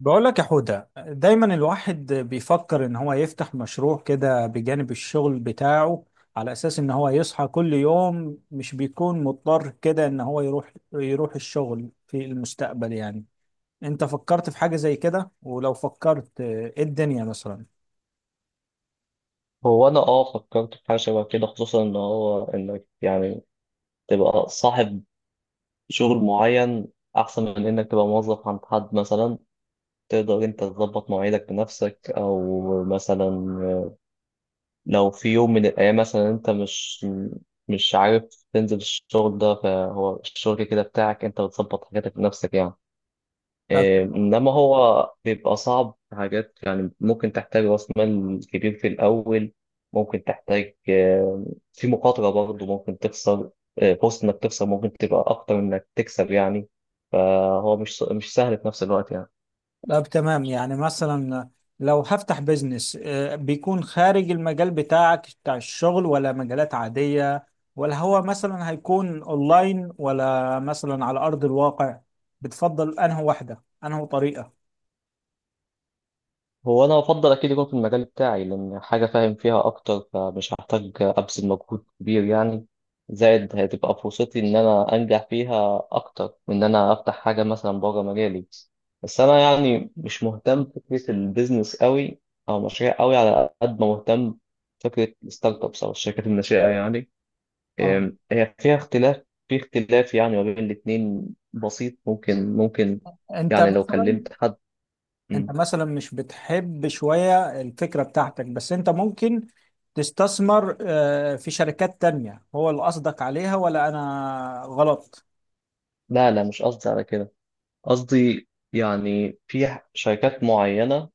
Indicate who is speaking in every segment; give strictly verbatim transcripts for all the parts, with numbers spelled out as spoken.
Speaker 1: بقول لك يا حودة دايما الواحد بيفكر ان هو يفتح مشروع كده بجانب الشغل بتاعه على اساس ان هو يصحى كل يوم مش بيكون مضطر كده ان هو يروح يروح الشغل في المستقبل يعني. انت فكرت في حاجة زي كده؟ ولو فكرت آه، ايه الدنيا مثلا؟
Speaker 2: هو انا اه فكرت في حاجه شبه كده، خصوصا ان هو انك يعني تبقى صاحب شغل معين احسن من انك تبقى موظف عند حد مثلا. تقدر انت تظبط مواعيدك بنفسك، او مثلا لو في يوم من الايام مثلا انت مش مش عارف تنزل الشغل ده، فهو الشغل كده بتاعك، انت بتظبط حاجاتك بنفسك يعني. إيه، إنما هو بيبقى صعب في حاجات، يعني ممكن تحتاج رأس مال كبير في الأول، ممكن تحتاج، آه، في مخاطرة برضه ممكن تخسر. آه، فرصة إنك تخسر ممكن تبقى أكتر من إنك تكسب يعني. فهو مش مش سهل في نفس الوقت يعني.
Speaker 1: طب تمام، يعني مثلا لو هفتح بيزنس آه، بيكون خارج المجال بتاعك بتاع الشغل، ولا مجالات عادية؟ ولا هو مثلا هيكون اونلاين ولا مثلا على ارض الواقع؟ بتفضل انهي واحدة، انهي طريقة؟
Speaker 2: هو أنا أفضل أكيد يكون في المجال بتاعي، لأن حاجة فاهم فيها أكتر، فمش هحتاج أبذل مجهود كبير يعني. زائد هتبقى فرصتي إن أنا أنجح فيها أكتر من إن أنا أفتح حاجة مثلا بره مجالي. بس أنا يعني مش مهتم بفكرة البيزنس قوي أو مشاريع قوي، على قد ما مهتم فكرة الستارت أبس أو الشركات الناشئة يعني.
Speaker 1: اه.
Speaker 2: أم، هي فيها اختلاف في اختلاف يعني ما بين الاتنين بسيط، ممكن ممكن
Speaker 1: انت
Speaker 2: يعني لو
Speaker 1: مثلا
Speaker 2: كلمت حد.
Speaker 1: انت
Speaker 2: مم.
Speaker 1: مثلا مش بتحب شوية الفكرة بتاعتك، بس انت ممكن تستثمر آه، في شركات تانية، هو اللي قصدك عليها ولا انا غلط؟
Speaker 2: لا لا مش قصدي على كده. قصدي يعني في شركات معينة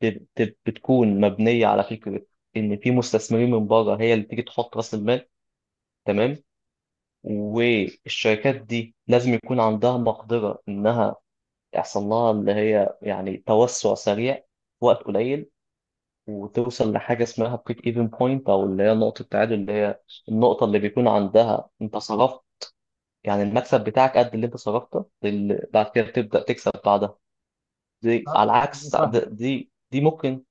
Speaker 2: بت- بتكون مبنية على فكرة إن في مستثمرين من بره هي اللي تيجي تحط رأس المال، تمام. والشركات دي لازم يكون عندها مقدرة إنها يحصل لها اللي هي يعني توسع سريع في وقت قليل، وتوصل لحاجة اسمها بريك ايفن بوينت أو اللي هي نقطة التعادل، اللي هي النقطة اللي بيكون عندها أنت صرفت، يعني المكسب بتاعك قد اللي أنت صرفته، اللي بعد كده تبدأ تكسب بعدها. دي
Speaker 1: آه،
Speaker 2: على العكس دي
Speaker 1: فاهم.
Speaker 2: دي دي ممكن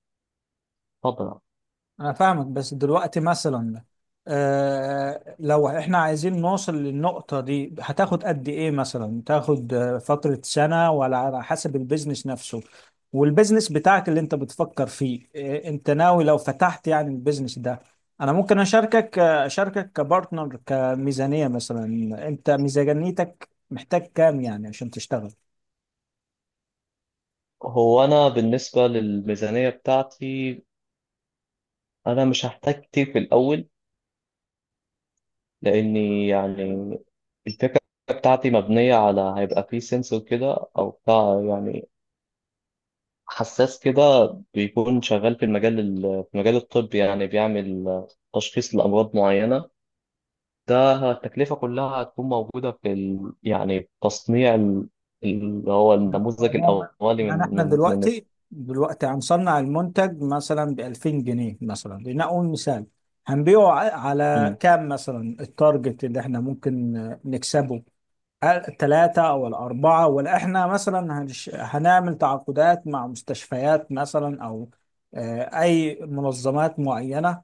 Speaker 2: تضرب.
Speaker 1: أنا فاهمك. بس دلوقتي مثلا، آه لو إحنا عايزين نوصل للنقطة دي هتاخد قد إيه مثلا؟ تاخد آه، فترة سنة ولا على حسب البيزنس نفسه؟ والبيزنس بتاعك اللي أنت بتفكر فيه، آه أنت ناوي لو فتحت يعني البيزنس ده أنا ممكن أشاركك، آه، أشاركك كبارتنر كميزانية مثلا. أنت ميزانيتك محتاج كام يعني عشان تشتغل؟
Speaker 2: هو انا بالنسبه للميزانيه بتاعتي انا مش هحتاج كتير في الاول، لاني يعني الفكره بتاعتي مبنيه على هيبقى فيه سنسور كده او بتاع، يعني حساس كده بيكون شغال في المجال ال- في مجال الطب، يعني بيعمل تشخيص لامراض معينه. ده التكلفه كلها هتكون موجوده في ال... يعني تصنيع ال- اللي هو النموذج
Speaker 1: هو م-
Speaker 2: الاولي
Speaker 1: يعني احنا
Speaker 2: من من
Speaker 1: دلوقتي دلوقتي هنصنع المنتج مثلا ب ألفين جنيه مثلا، لنقول مثال. هنبيعه ع- على
Speaker 2: من
Speaker 1: كام مثلا؟ التارجت اللي احنا ممكن آه، نكسبه، الثلاثة أو الأربعة؟ ولا احنا مثلا هنش... هنعمل تعاقدات مع مستشفيات مثلا، أو آه، أي منظمات معينة؟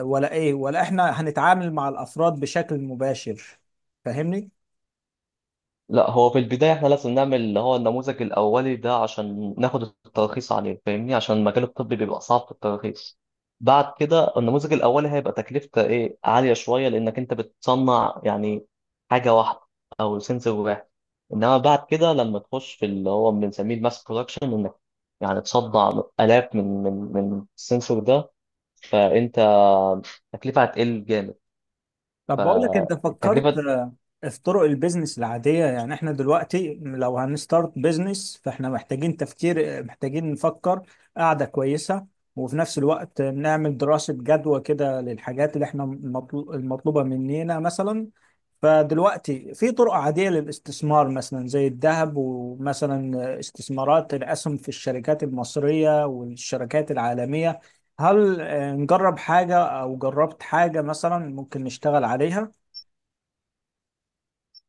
Speaker 1: ولا إيه؟ ولا احنا هنتعامل مع الأفراد بشكل مباشر؟ فاهمني؟
Speaker 2: لا، هو في البداية احنا لازم نعمل اللي هو النموذج الأولي ده عشان ناخد الترخيص عليه، فاهمني، عشان المجال الطبي بيبقى صعب في الترخيص. بعد كده النموذج الأولي هيبقى تكلفته ايه عالية شوية، لأنك أنت بتصنع يعني حاجة واحدة أو سنسور واحد. إنما بعد كده لما تخش في اللي هو بنسميه الماس برودكشن، إنك يعني تصنع آلاف من من من السنسور ده، فأنت التكلفة هتقل جامد.
Speaker 1: طب بقول لك، انت فكرت
Speaker 2: فالتكلفة
Speaker 1: آه، في طرق البيزنس العادية؟ يعني احنا دلوقتي لو هنستارت بيزنس فاحنا محتاجين تفكير، محتاجين نفكر قاعدة كويسة، وفي نفس الوقت نعمل دراسة جدوى كده للحاجات اللي احنا مطلو- المطلوبة مننا مثلا. فدلوقتي في طرق عادية للاستثمار مثلا، زي الذهب، ومثلا استثمارات الأسهم في الشركات المصرية والشركات العالمية. هل آه، نجرب حاجة أو جربت حاجة مثلا ممكن نشتغل عليها؟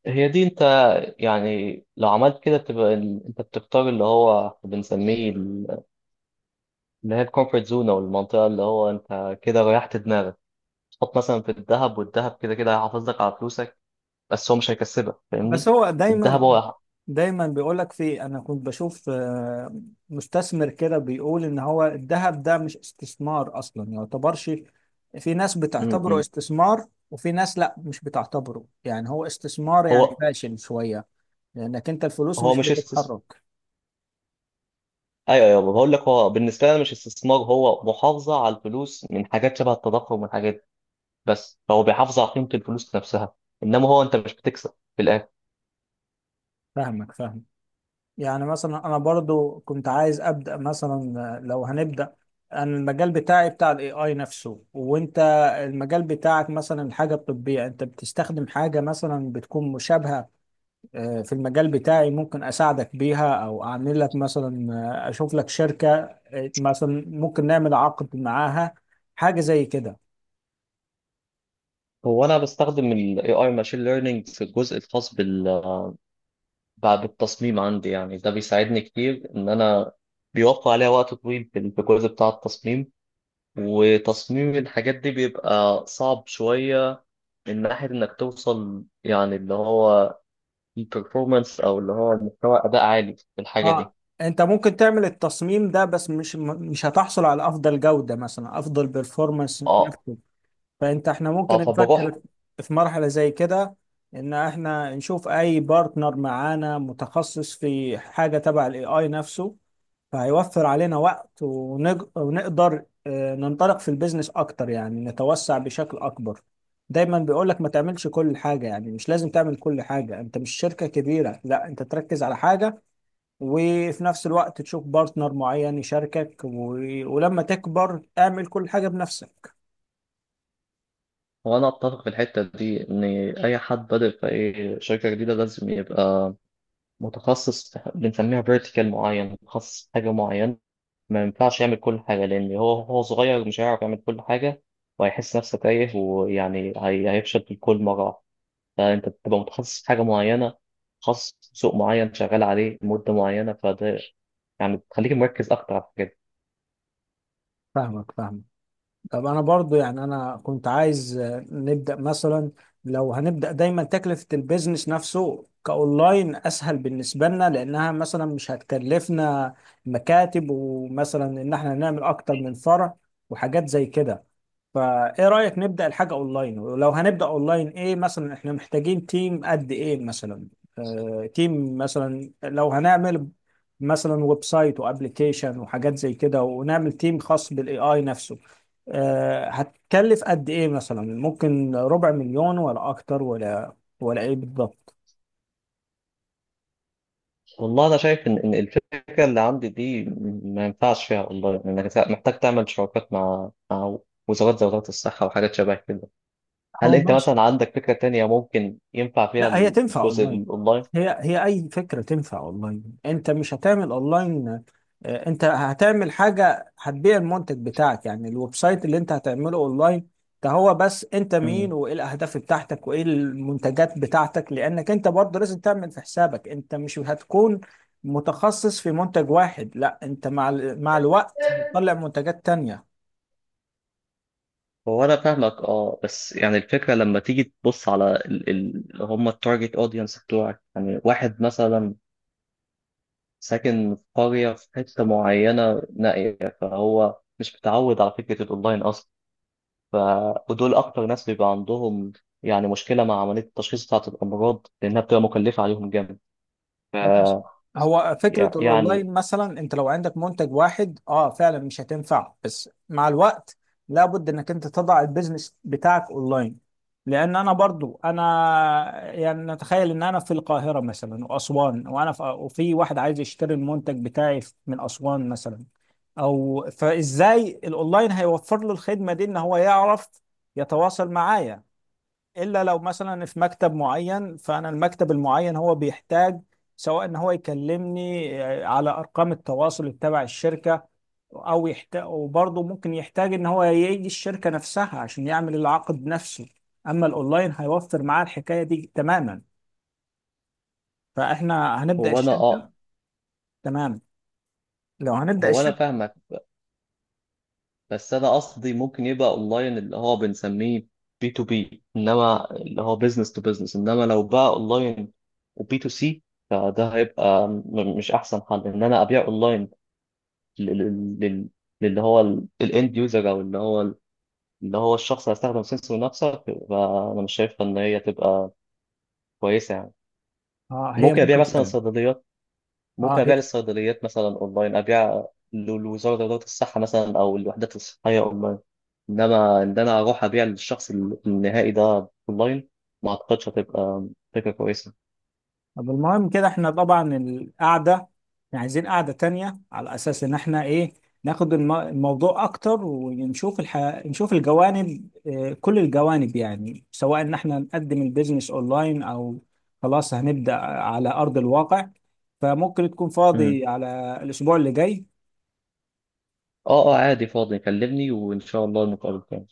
Speaker 2: هي دي. انت يعني لو عملت كده بتبقى ال- انت بتختار اللي هو بنسميه ال- اللي هي الكومفورت زون او المنطقه، اللي هو انت كده ريحت دماغك. تحط مثلا في الذهب، والذهب كده كده هيحافظ لك على فلوسك، بس هو مش هيكسبك
Speaker 1: بس
Speaker 2: فاهمني.
Speaker 1: هو
Speaker 2: الذهب
Speaker 1: دايما
Speaker 2: هو،
Speaker 1: دايما بيقولك، في أنا كنت بشوف آه، مستثمر كده بيقول إن هو الذهب ده مش استثمار أصلا، يعتبرش. في ناس
Speaker 2: م
Speaker 1: بتعتبره
Speaker 2: -م.
Speaker 1: استثمار، وفي ناس لا مش بتعتبره، يعني هو استثمار يعني
Speaker 2: هو
Speaker 1: فاشل شوية، لأنك أنت الفلوس
Speaker 2: هو
Speaker 1: مش
Speaker 2: مش استثمار.
Speaker 1: بتتحرك.
Speaker 2: ايوه ايوه، بقول لك هو بالنسبه لي مش استثمار، هو محافظه على الفلوس من حاجات شبه التضخم والحاجات دي بس، فهو بيحافظ على قيمه الفلوس نفسها، انما هو انت مش بتكسب في الاخر.
Speaker 1: فاهمك، فاهمك. يعني مثلا انا برضو كنت عايز ابدا مثلا، آه، لو هنبدا، انا المجال بتاعي بتاع الاي اي نفسه، وانت المجال بتاعك مثلا حاجه طبيه، انت بتستخدم حاجه مثلا بتكون مشابهه آه، في المجال بتاعي. ممكن اساعدك بيها، او اعمل لك مثلا آه، اشوف لك شركه آه، مثلا ممكن نعمل عقد معاها، حاجه زي كده.
Speaker 2: هو انا بستخدم ال A I Machine Learning في الجزء الخاص بال بعد التصميم عندي، يعني ده بيساعدني كتير ان انا بيوفر عليا وقت طويل في في الجزء بتاع التصميم. وتصميم الحاجات دي بيبقى صعب شوية من ناحية انك توصل يعني اللي هو البرفورمانس او اللي هو مستوى اداء عالي في الحاجة
Speaker 1: اه.
Speaker 2: دي.
Speaker 1: انت ممكن تعمل التصميم ده، بس مش مش هتحصل على افضل جوده مثلا، افضل بيرفورمانس.
Speaker 2: اه،
Speaker 1: فانت احنا ممكن
Speaker 2: اه، فبروح.
Speaker 1: نفكر في مرحلة زي كده، ان احنا نشوف اي بارتنر معانا متخصص في حاجة تبع الاي اي نفسه، فهيوفر علينا وقت ونج... ونقدر آه، ننطلق في البيزنس اكتر، يعني نتوسع بشكل اكبر. دايما بيقول لك ما تعملش كل حاجة، يعني مش لازم تعمل كل حاجة، انت مش شركة كبيرة، لا انت تركز على حاجة وفي نفس الوقت تشوف بارتنر معين يشاركك و... ولما تكبر اعمل كل حاجة بنفسك.
Speaker 2: وانا اتفق في الحتة دي ان اي حد بادئ في اي شركة جديدة لازم يبقى متخصص في- بنسميها فيرتيكال معين، متخصص في حاجة معينة. ما ينفعش يعمل كل حاجة، لأن هو هو صغير مش هيعرف يعمل كل حاجة، وهيحس نفسه تايه، ويعني هي- هيفشل في كل مرة واحدة. فأنت بتبقى متخصص في حاجة معينة، متخصص في سوق معين شغال عليه مدة معينة، فده يعني بتخليك مركز أكتر على الحاجات دي.
Speaker 1: فاهمك، فاهمك. طب انا برضو، يعني انا كنت عايز آه، نبدا مثلا، لو هنبدا، دايما تكلفه البيزنس نفسه كاونلاين اسهل بالنسبه لنا، لانها مثلا مش هتكلفنا مكاتب، ومثلا ان احنا نعمل اكتر من فرع، وحاجات زي كده. فايه رأيك نبدأ الحاجة اونلاين؟ ولو هنبدأ اونلاين، ايه مثلا احنا محتاجين تيم قد ايه مثلا؟ آه تيم مثلا، لو هنعمل مثلا ويب سايت وابلكيشن وحاجات زي كده، ونعمل تيم خاص بالاي اي نفسه، آه هتكلف قد ايه مثلا؟ ممكن ربع مليون ولا اكتر، ولا ولا ايه بالضبط؟
Speaker 2: والله أنا شايف إن إن الفكرة اللي عندي دي ما ينفعش فيها والله، إنك محتاج تعمل شراكات مع مع وزارات زي وزارة الصحة وحاجات شبه كده. هل
Speaker 1: هو
Speaker 2: انت
Speaker 1: ماشي.
Speaker 2: مثلا عندك فكرة تانية ممكن ينفع فيها
Speaker 1: لا، هي تنفع
Speaker 2: الجزء
Speaker 1: اونلاين.
Speaker 2: الاونلاين؟
Speaker 1: هي، هي اي فكره تنفع اونلاين. انت مش هتعمل اونلاين، آه، انت هتعمل حاجه هتبيع المنتج بتاعك، يعني الويب سايت اللي انت هتعمله اونلاين ده هو بس انت
Speaker 2: مم.
Speaker 1: مين، وايه الاهداف بتاعتك، وايه المنتجات بتاعتك، لانك انت برضه لازم تعمل في حسابك، انت مش هتكون متخصص في منتج واحد، لا انت مع ال- مع الوقت هتطلع منتجات تانية.
Speaker 2: هو انا فاهمك اه، بس يعني الفكره لما تيجي تبص على ال- ال- اللي هم التارجت اودينس بتوعك، يعني واحد مثلا ساكن في قريه في حته معينه نائيه، فهو مش متعود على فكره الاونلاين اصلا. ف ودول اكتر ناس بيبقى عندهم يعني مشكله مع عمليه التشخيص بتاعه الامراض، لانها بتبقى مكلفه عليهم جامد. ف
Speaker 1: ماشي. هو فكرة
Speaker 2: يع- يعني
Speaker 1: الأونلاين مثلا، أنت لو عندك منتج واحد أه فعلا مش هتنفع، بس مع الوقت لابد إنك أنت تضع البيزنس بتاعك أونلاين. لأن أنا برضو، أنا يعني نتخيل إن أنا في القاهرة مثلا وأسوان، وأنا في، وفي واحد عايز يشتري المنتج بتاعي من أسوان مثلا، أو فإزاي الأونلاين هيوفر له الخدمة دي، إن هو يعرف يتواصل معايا؟ الا لو مثلا في مكتب معين، فانا المكتب المعين هو بيحتاج، سواء ان هو يكلمني آه، على ارقام التواصل تبع الشركه، او يحتاج، وبرضه ممكن يحتاج ان هو يجي الشركه نفسها عشان يعمل العقد نفسه. اما الاونلاين هيوفر معاه الحكايه دي تماما. فاحنا هنبدا
Speaker 2: هو انا
Speaker 1: الشركه.
Speaker 2: اه
Speaker 1: تمام. لو هنبدا
Speaker 2: هو انا
Speaker 1: الشركه،
Speaker 2: فاهمك، بس انا قصدي ممكن يبقى اونلاين اللي هو بنسميه بي تو بي، انما اللي هو بزنس تو بزنس، انما لو بقى اونلاين وبي تو سي، فده هيبقى م- مش احسن حل ان انا ابيع اونلاين لل- لل- لل- للي هو الاند يوزر، او اللي هو اللي هو الشخص اللي هيستخدم سنسور نفسه. فانا مش شايفه ان هي تبقى كويسه يعني.
Speaker 1: اه هي
Speaker 2: ممكن ابيع
Speaker 1: ممكن
Speaker 2: مثلا
Speaker 1: فعلا.
Speaker 2: صيدليات
Speaker 1: اه.
Speaker 2: ممكن
Speaker 1: هي
Speaker 2: ابيع للصيدليات مثلا اونلاين، ابيع لوزاره الصحه مثلا او الوحدات الصحيه اونلاين، انما ان انا اروح ابيع للشخص النهائي ده اونلاين ما اعتقدش هتبقى فكره كويسه.
Speaker 1: طب، المهم كده احنا طبعا القعدة، احنا عايزين قعدة تانية على أساس إن احنا إيه، ناخد الم- الموضوع أكتر ونشوف الح... نشوف الجوانب، اه كل الجوانب يعني، سواء إن احنا نقدم البيزنس أونلاين، أو خلاص هنبدأ على أرض الواقع. فممكن تكون
Speaker 2: مم.
Speaker 1: فاضي على الأسبوع اللي جاي؟
Speaker 2: اه اه، عادي فاضي، كلمني وان شاء الله نتقابل تاني.